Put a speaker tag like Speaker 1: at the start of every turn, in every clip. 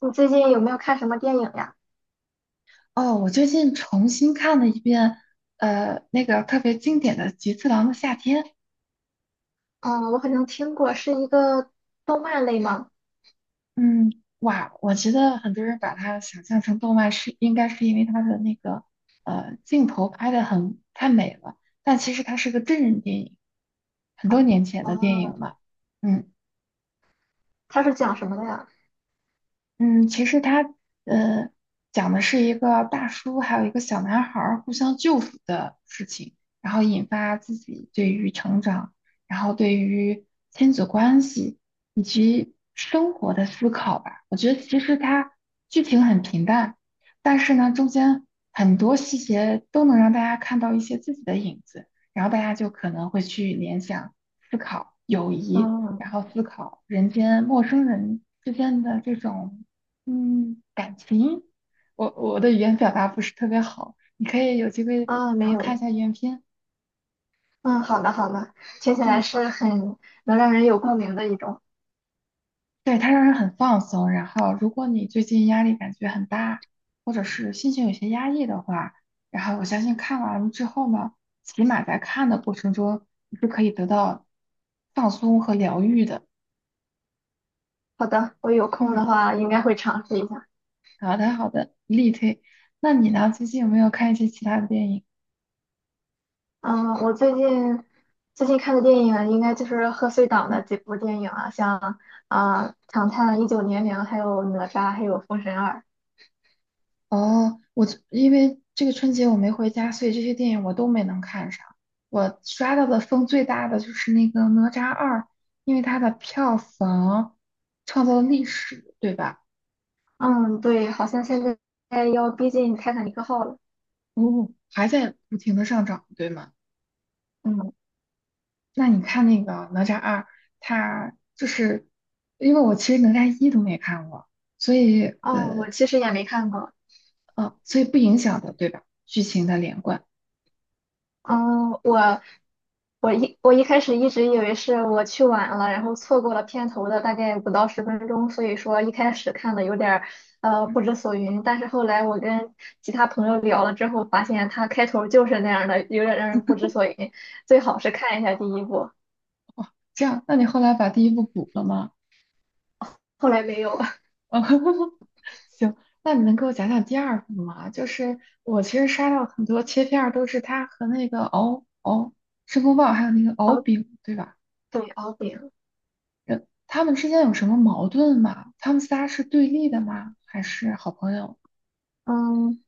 Speaker 1: 你最近有没有看什么电影呀？
Speaker 2: 哦，我最近重新看了一遍，那个特别经典的《菊次郎的夏天》。
Speaker 1: 嗯，我好像听过，是一个动漫类吗？
Speaker 2: 嗯，哇，我觉得很多人把它想象成动漫是，应该是因为它的那个镜头拍的很太美了，但其实它是个真人电影，很多年前的电影
Speaker 1: 哦，
Speaker 2: 了。嗯。
Speaker 1: 它是讲什么的呀？
Speaker 2: 嗯，其实他呃讲的是一个大叔还有一个小男孩儿互相救赎的事情，然后引发自己对于成长，然后对于亲子关系以及生活的思考吧。我觉得其实它剧情很平淡，但是呢中间很多细节都能让大家看到一些自己的影子，然后大家就可能会去联想、思考友谊，
Speaker 1: 嗯
Speaker 2: 然后思考人间陌生人之间的这种。嗯，感情，我的语言表达不是特别好，你可以有机会
Speaker 1: 啊，
Speaker 2: 然
Speaker 1: 没
Speaker 2: 后看一
Speaker 1: 有。
Speaker 2: 下原片。
Speaker 1: 嗯，好的好的，听起来
Speaker 2: 嗯，
Speaker 1: 是很能让人有共鸣的一种。
Speaker 2: 对，它让人很放松。然后，如果你最近压力感觉很大，或者是心情有些压抑的话，然后我相信看完了之后呢，起码在看的过程中，你是可以得到放松和疗愈的。
Speaker 1: 好的，我有空
Speaker 2: 嗯，
Speaker 1: 的话应该会尝试一下。
Speaker 2: 好的好的，力推。那你呢？最近有没有看一些其他的电影？
Speaker 1: 嗯，我最近看的电影应该就是贺岁档的
Speaker 2: 嗯，
Speaker 1: 几部电影啊，像啊《唐探一九年零》，还有《哪吒》，还有《封神二》。
Speaker 2: 哦，我这因为这个春节我没回家，所以这些电影我都没能看上。我刷到的风最大的就是那个《哪吒二》，因为它的票房创造了历史，对吧？
Speaker 1: 嗯，对，好像现在要逼近《泰坦尼克号》了。
Speaker 2: 哦，还在不停的上涨，对吗？
Speaker 1: 嗯。
Speaker 2: 那你看那个《哪吒二》，它就是因为我其实《哪吒一》都没看过，所以
Speaker 1: 哦，
Speaker 2: 呃
Speaker 1: 我其实也没看过。
Speaker 2: 所以不影响的，对吧？剧情的连贯，
Speaker 1: 嗯，我一开始一直以为是我去晚了，然后错过了片头的大概不到10分钟，所以说一开始看的有点儿
Speaker 2: 嗯，
Speaker 1: 不知所云。但是后来我跟其他朋友聊了之后，发现它开头就是那样的，有点让人不知所云。最好是看一下第一部，
Speaker 2: 这样，那你后来把第一部补了吗？
Speaker 1: 后来没有了。
Speaker 2: 行，那你能给我讲讲第二部吗？就是我其实刷到很多切片儿，都是他和那个申公豹，还有那个敖
Speaker 1: 敖
Speaker 2: 丙，对吧？
Speaker 1: 对，敖丙。
Speaker 2: 人他们之间有什么矛盾吗？他们仨是对立的吗？还是好朋友？
Speaker 1: 嗯，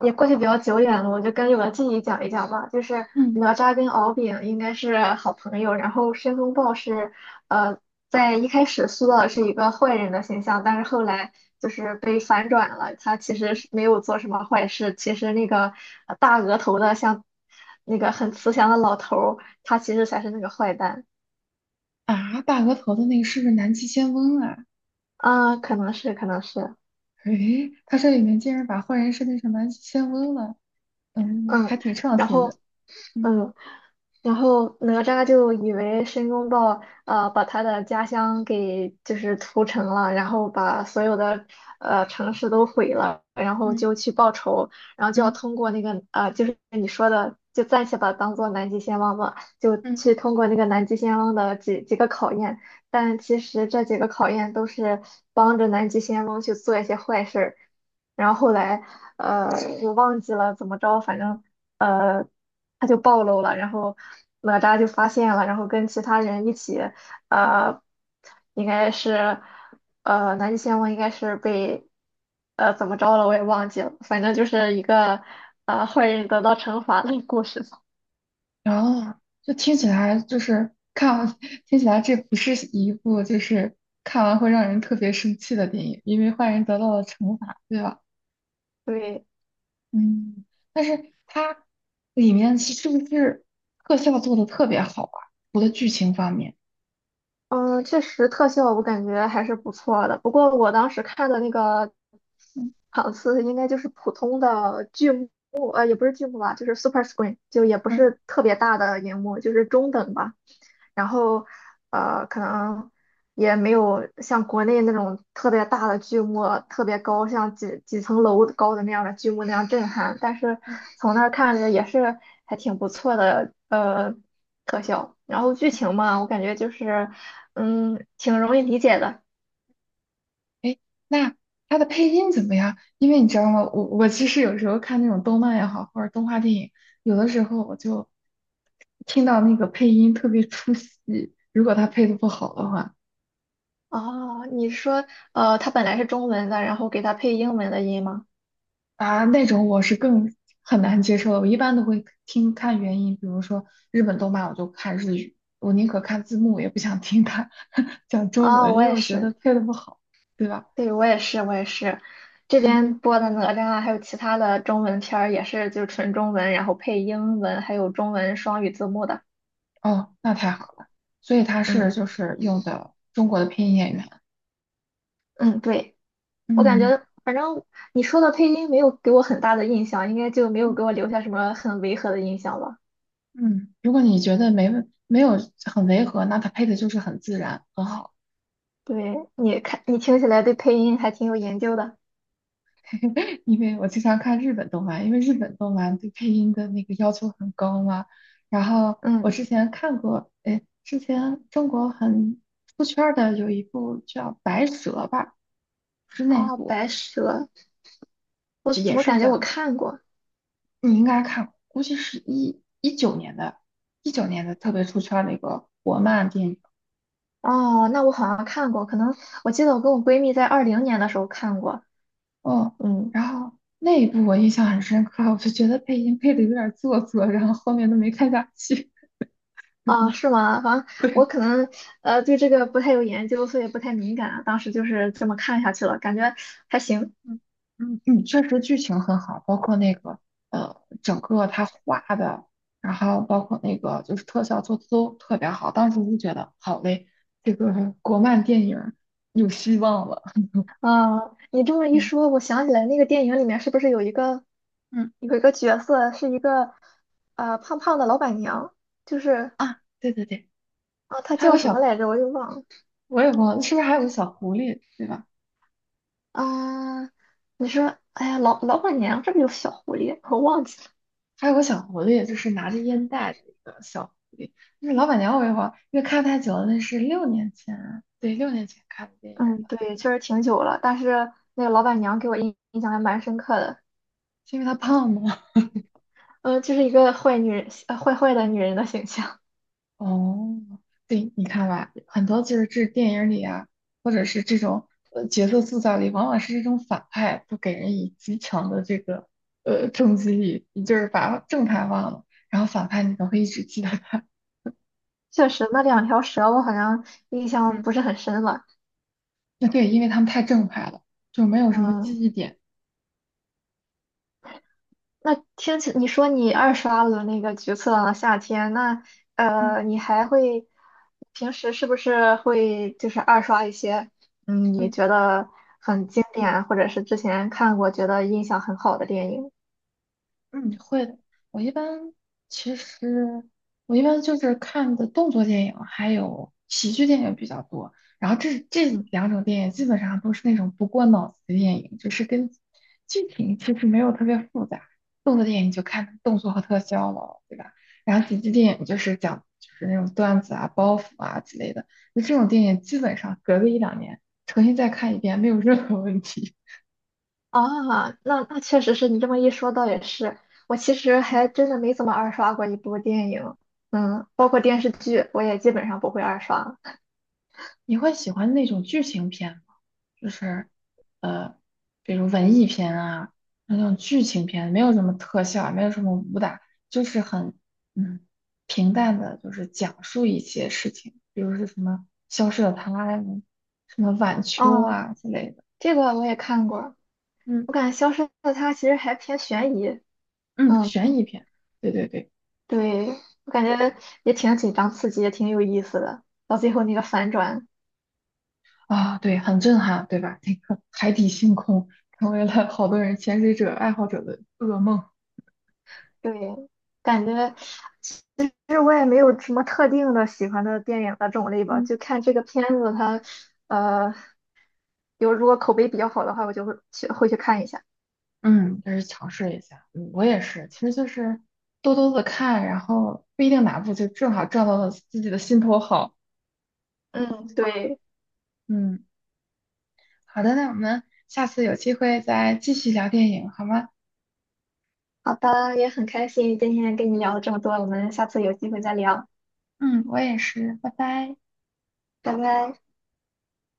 Speaker 1: 也过去比较久远了，我就跟据我的记忆讲一讲吧。就是
Speaker 2: 嗯，
Speaker 1: 哪吒跟敖丙应该是好朋友，然后申公豹是，呃，在一开始塑造的是一个坏人的形象，但是后来就是被反转了，他其实是没有做什么坏事，其实那个大额头的像那个很慈祥的老头儿，他其实才是那个坏蛋
Speaker 2: 啊，大额头的那个是不是南极仙翁啊？
Speaker 1: 啊，可能是，可能是，
Speaker 2: 诶，他这里面竟然把坏人设定成南极仙翁了，嗯，还
Speaker 1: 嗯，
Speaker 2: 挺创
Speaker 1: 然
Speaker 2: 新
Speaker 1: 后。
Speaker 2: 的。嗯。
Speaker 1: 嗯，然后哪吒就以为申公豹把他的家乡给就是屠城了，然后把所有的城市都毁了，然后
Speaker 2: 嗯。
Speaker 1: 就去报仇，然后就要
Speaker 2: 嗯。
Speaker 1: 通过那个就是你说的，就暂且把它当做南极仙翁吧，就
Speaker 2: 嗯。
Speaker 1: 去通过那个南极仙翁的几个考验，但其实这几个考验都是帮着南极仙翁去做一些坏事儿，然后后来呃我忘记了怎么着，反正。呃。他就暴露了，然后哪吒就发现了，然后跟其他人一起，呃，应该是，南极仙翁应该是被，怎么着了我也忘记了，反正就是一个，坏人得到惩罚的故事吧。
Speaker 2: 然后就听起来就是看完 听起来这不是一部就是看完会让人特别生气的电影，因为坏人得到了惩罚，对吧？
Speaker 1: 对，
Speaker 2: 嗯，但是它里面是不是特效做的特别好啊？除了剧情方面，
Speaker 1: 嗯，确实特效我感觉还是不错的，不过我当时看的那个
Speaker 2: 嗯。
Speaker 1: 场次应该就是普通的剧目，也不是剧目吧，就是 super screen，就也不
Speaker 2: 嗯。
Speaker 1: 是特别大的荧幕，就是中等吧。然后可能也没有像国内那种特别大的剧目，特别高，像几层楼高的那样的剧目那样震撼。但是
Speaker 2: 嗯。
Speaker 1: 从那儿看着也是还挺不错的，特效。然后剧
Speaker 2: 嗯。
Speaker 1: 情嘛，我感觉就是，挺容易理解的。
Speaker 2: 哎，那他的配音怎么样？因为你知道吗，我其实有时候看那种动漫也好，或者动画电影，有的时候我就听到那个配音特别出戏，如果他配的不好的话，
Speaker 1: 哦，你是说，它本来是中文的，然后给它配英文的音吗？
Speaker 2: 啊，那种我是很难接受的。我一般都会看原音，比如说日本动漫，我就看日语，我宁可看字幕，也不想听他 讲中
Speaker 1: 啊，
Speaker 2: 文，
Speaker 1: 我
Speaker 2: 因为
Speaker 1: 也
Speaker 2: 我觉得
Speaker 1: 是。
Speaker 2: 配的不好，对吧？
Speaker 1: 对，我也是，我也是，这
Speaker 2: 嗯，
Speaker 1: 边播的哪吒啊还有其他的中文片儿也是就是纯中文，然后配英文，还有中文双语字幕的。
Speaker 2: 哦，那太好了。所以他是
Speaker 1: 嗯
Speaker 2: 就是用的中国的配音演员。
Speaker 1: 嗯，对，我感
Speaker 2: 嗯。
Speaker 1: 觉反正你说的配音没有给我很大的印象，应该就没有给我留下什么很违和的印象吧？
Speaker 2: 嗯，如果你觉得没有很违和，那它配的就是很自然，很好。
Speaker 1: 对，你看你听起来对配音还挺有研究的。
Speaker 2: 因为我经常看日本动漫，因为日本动漫对配音的那个要求很高嘛。然后我
Speaker 1: 嗯，
Speaker 2: 之前看过，哎，之前中国很出圈儿的有一部叫《白蛇》吧，是那
Speaker 1: 哦，
Speaker 2: 部，
Speaker 1: 白蛇，我怎
Speaker 2: 也
Speaker 1: 么
Speaker 2: 是
Speaker 1: 感觉我
Speaker 2: 讲
Speaker 1: 看过？
Speaker 2: 你应该看，估计是一九年的，一九年的特别出圈儿的一个国漫电影。
Speaker 1: 哦，那我好像看过，可能我记得我跟我闺蜜在2020年的时候看过。
Speaker 2: 哦，
Speaker 1: 嗯。
Speaker 2: 然后那一部我印象很深刻，我就觉得配音配的有点做作，然后后面都没看下去。
Speaker 1: 啊，是吗？反正
Speaker 2: 对，
Speaker 1: 我可能对这个不太有研究，所以不太敏感啊。当时就是这么看下去了，感觉还行。
Speaker 2: 嗯。嗯，嗯确实剧情很好，包括那个呃，整个他画的，然后包括那个就是特效做的都特别好。当时就觉得好嘞，这个国漫电影儿有希望了。
Speaker 1: 啊，你这么 一
Speaker 2: 嗯。
Speaker 1: 说，我想起来那个电影里面是不是有一个
Speaker 2: 嗯。
Speaker 1: 有一个角色是一个胖胖的老板娘？就是
Speaker 2: 啊，对对对，
Speaker 1: 啊，她
Speaker 2: 还有
Speaker 1: 叫
Speaker 2: 个
Speaker 1: 什么
Speaker 2: 小，
Speaker 1: 来着？我又忘了
Speaker 2: 我也忘了，是不是还有个小狐狸，对吧？
Speaker 1: 啊。你说，哎呀，老板娘这不是有小狐狸？我忘记了。
Speaker 2: 还有个小狐狸，就是拿着烟袋的一个小狐狸。那是老板娘我一会儿，因为看太久了，那是六年前啊，对，六年前看的电影，
Speaker 1: 嗯，对，确实挺久了，但是那个老板娘给我印象还蛮深刻的。
Speaker 2: 是因为他胖吗？
Speaker 1: 就是一个坏女人，坏坏的女人的形象。
Speaker 2: 哦，对，你看吧，很多就是这电影里啊，或者是这种角色塑造里，往往是这种反派都给人以极强的这个冲击力，你就是把正派忘了，然后反派你总会一直记得他。
Speaker 1: 确实，那两条蛇我好像印 象
Speaker 2: 嗯，
Speaker 1: 不是很深了。
Speaker 2: 那对，因为他们太正派了，就没有什么记
Speaker 1: 嗯，
Speaker 2: 忆点。
Speaker 1: 那听起你说你二刷了那个《橘色的夏天》，那
Speaker 2: 嗯。
Speaker 1: 你还会平时是不是会就是二刷一些你
Speaker 2: 嗯。
Speaker 1: 觉得很经典，或者是之前看过觉得印象很好的电影？
Speaker 2: 嗯，会的。我一般其实我一般就是看的动作电影，还有喜剧电影比较多。然后这
Speaker 1: 嗯。
Speaker 2: 两种电影基本上都是那种不过脑子的电影，就是跟剧情其实没有特别复杂。动作电影就看动作和特效了，对吧？然后喜剧电影就是讲就是那种段子啊、包袱啊之类的。就这种电影基本上隔个一两年重新再看一遍没有任何问题。
Speaker 1: 啊，那确实是你这么一说，倒也是。我其实还真的没怎么二刷过一部电影，包括电视剧，我也基本上不会二刷。
Speaker 2: 你会喜欢那种剧情片吗？就是呃，比如文艺片啊，那种剧情片，没有什么特效，没有什么武打，就是很嗯平淡的，就是讲述一些事情，比如是什么消失的她呀，什么晚秋
Speaker 1: 哦，
Speaker 2: 啊之类的。
Speaker 1: 这个我也看过，
Speaker 2: 嗯。
Speaker 1: 我感觉《消失的她》其实还偏悬疑，
Speaker 2: 嗯，
Speaker 1: 嗯，
Speaker 2: 悬疑片，对对对，
Speaker 1: 对，我感觉也挺紧张刺激，也挺有意思的。到最后那个反转，
Speaker 2: 啊、对，很震撼，对吧？那个海底星空成为了好多人潜水者爱好者的噩梦。
Speaker 1: 对，感觉其实我也没有什么特定的喜欢的电影的种类吧，
Speaker 2: 嗯。
Speaker 1: 就看这个片子它。呃，有如果口碑比较好的话，我就会去看一下。
Speaker 2: 嗯，就是尝试一下。嗯，我也是，其实就是多多的看，然后不一定哪部就正好撞到了自己的心头好。
Speaker 1: 嗯，对，
Speaker 2: 嗯，好的，那我们下次有机会再继续聊电影，好吗？
Speaker 1: 好的，也很开心今天跟你聊了这么多，我们下次有机会再聊，
Speaker 2: 嗯，我也是，拜拜。
Speaker 1: 拜拜。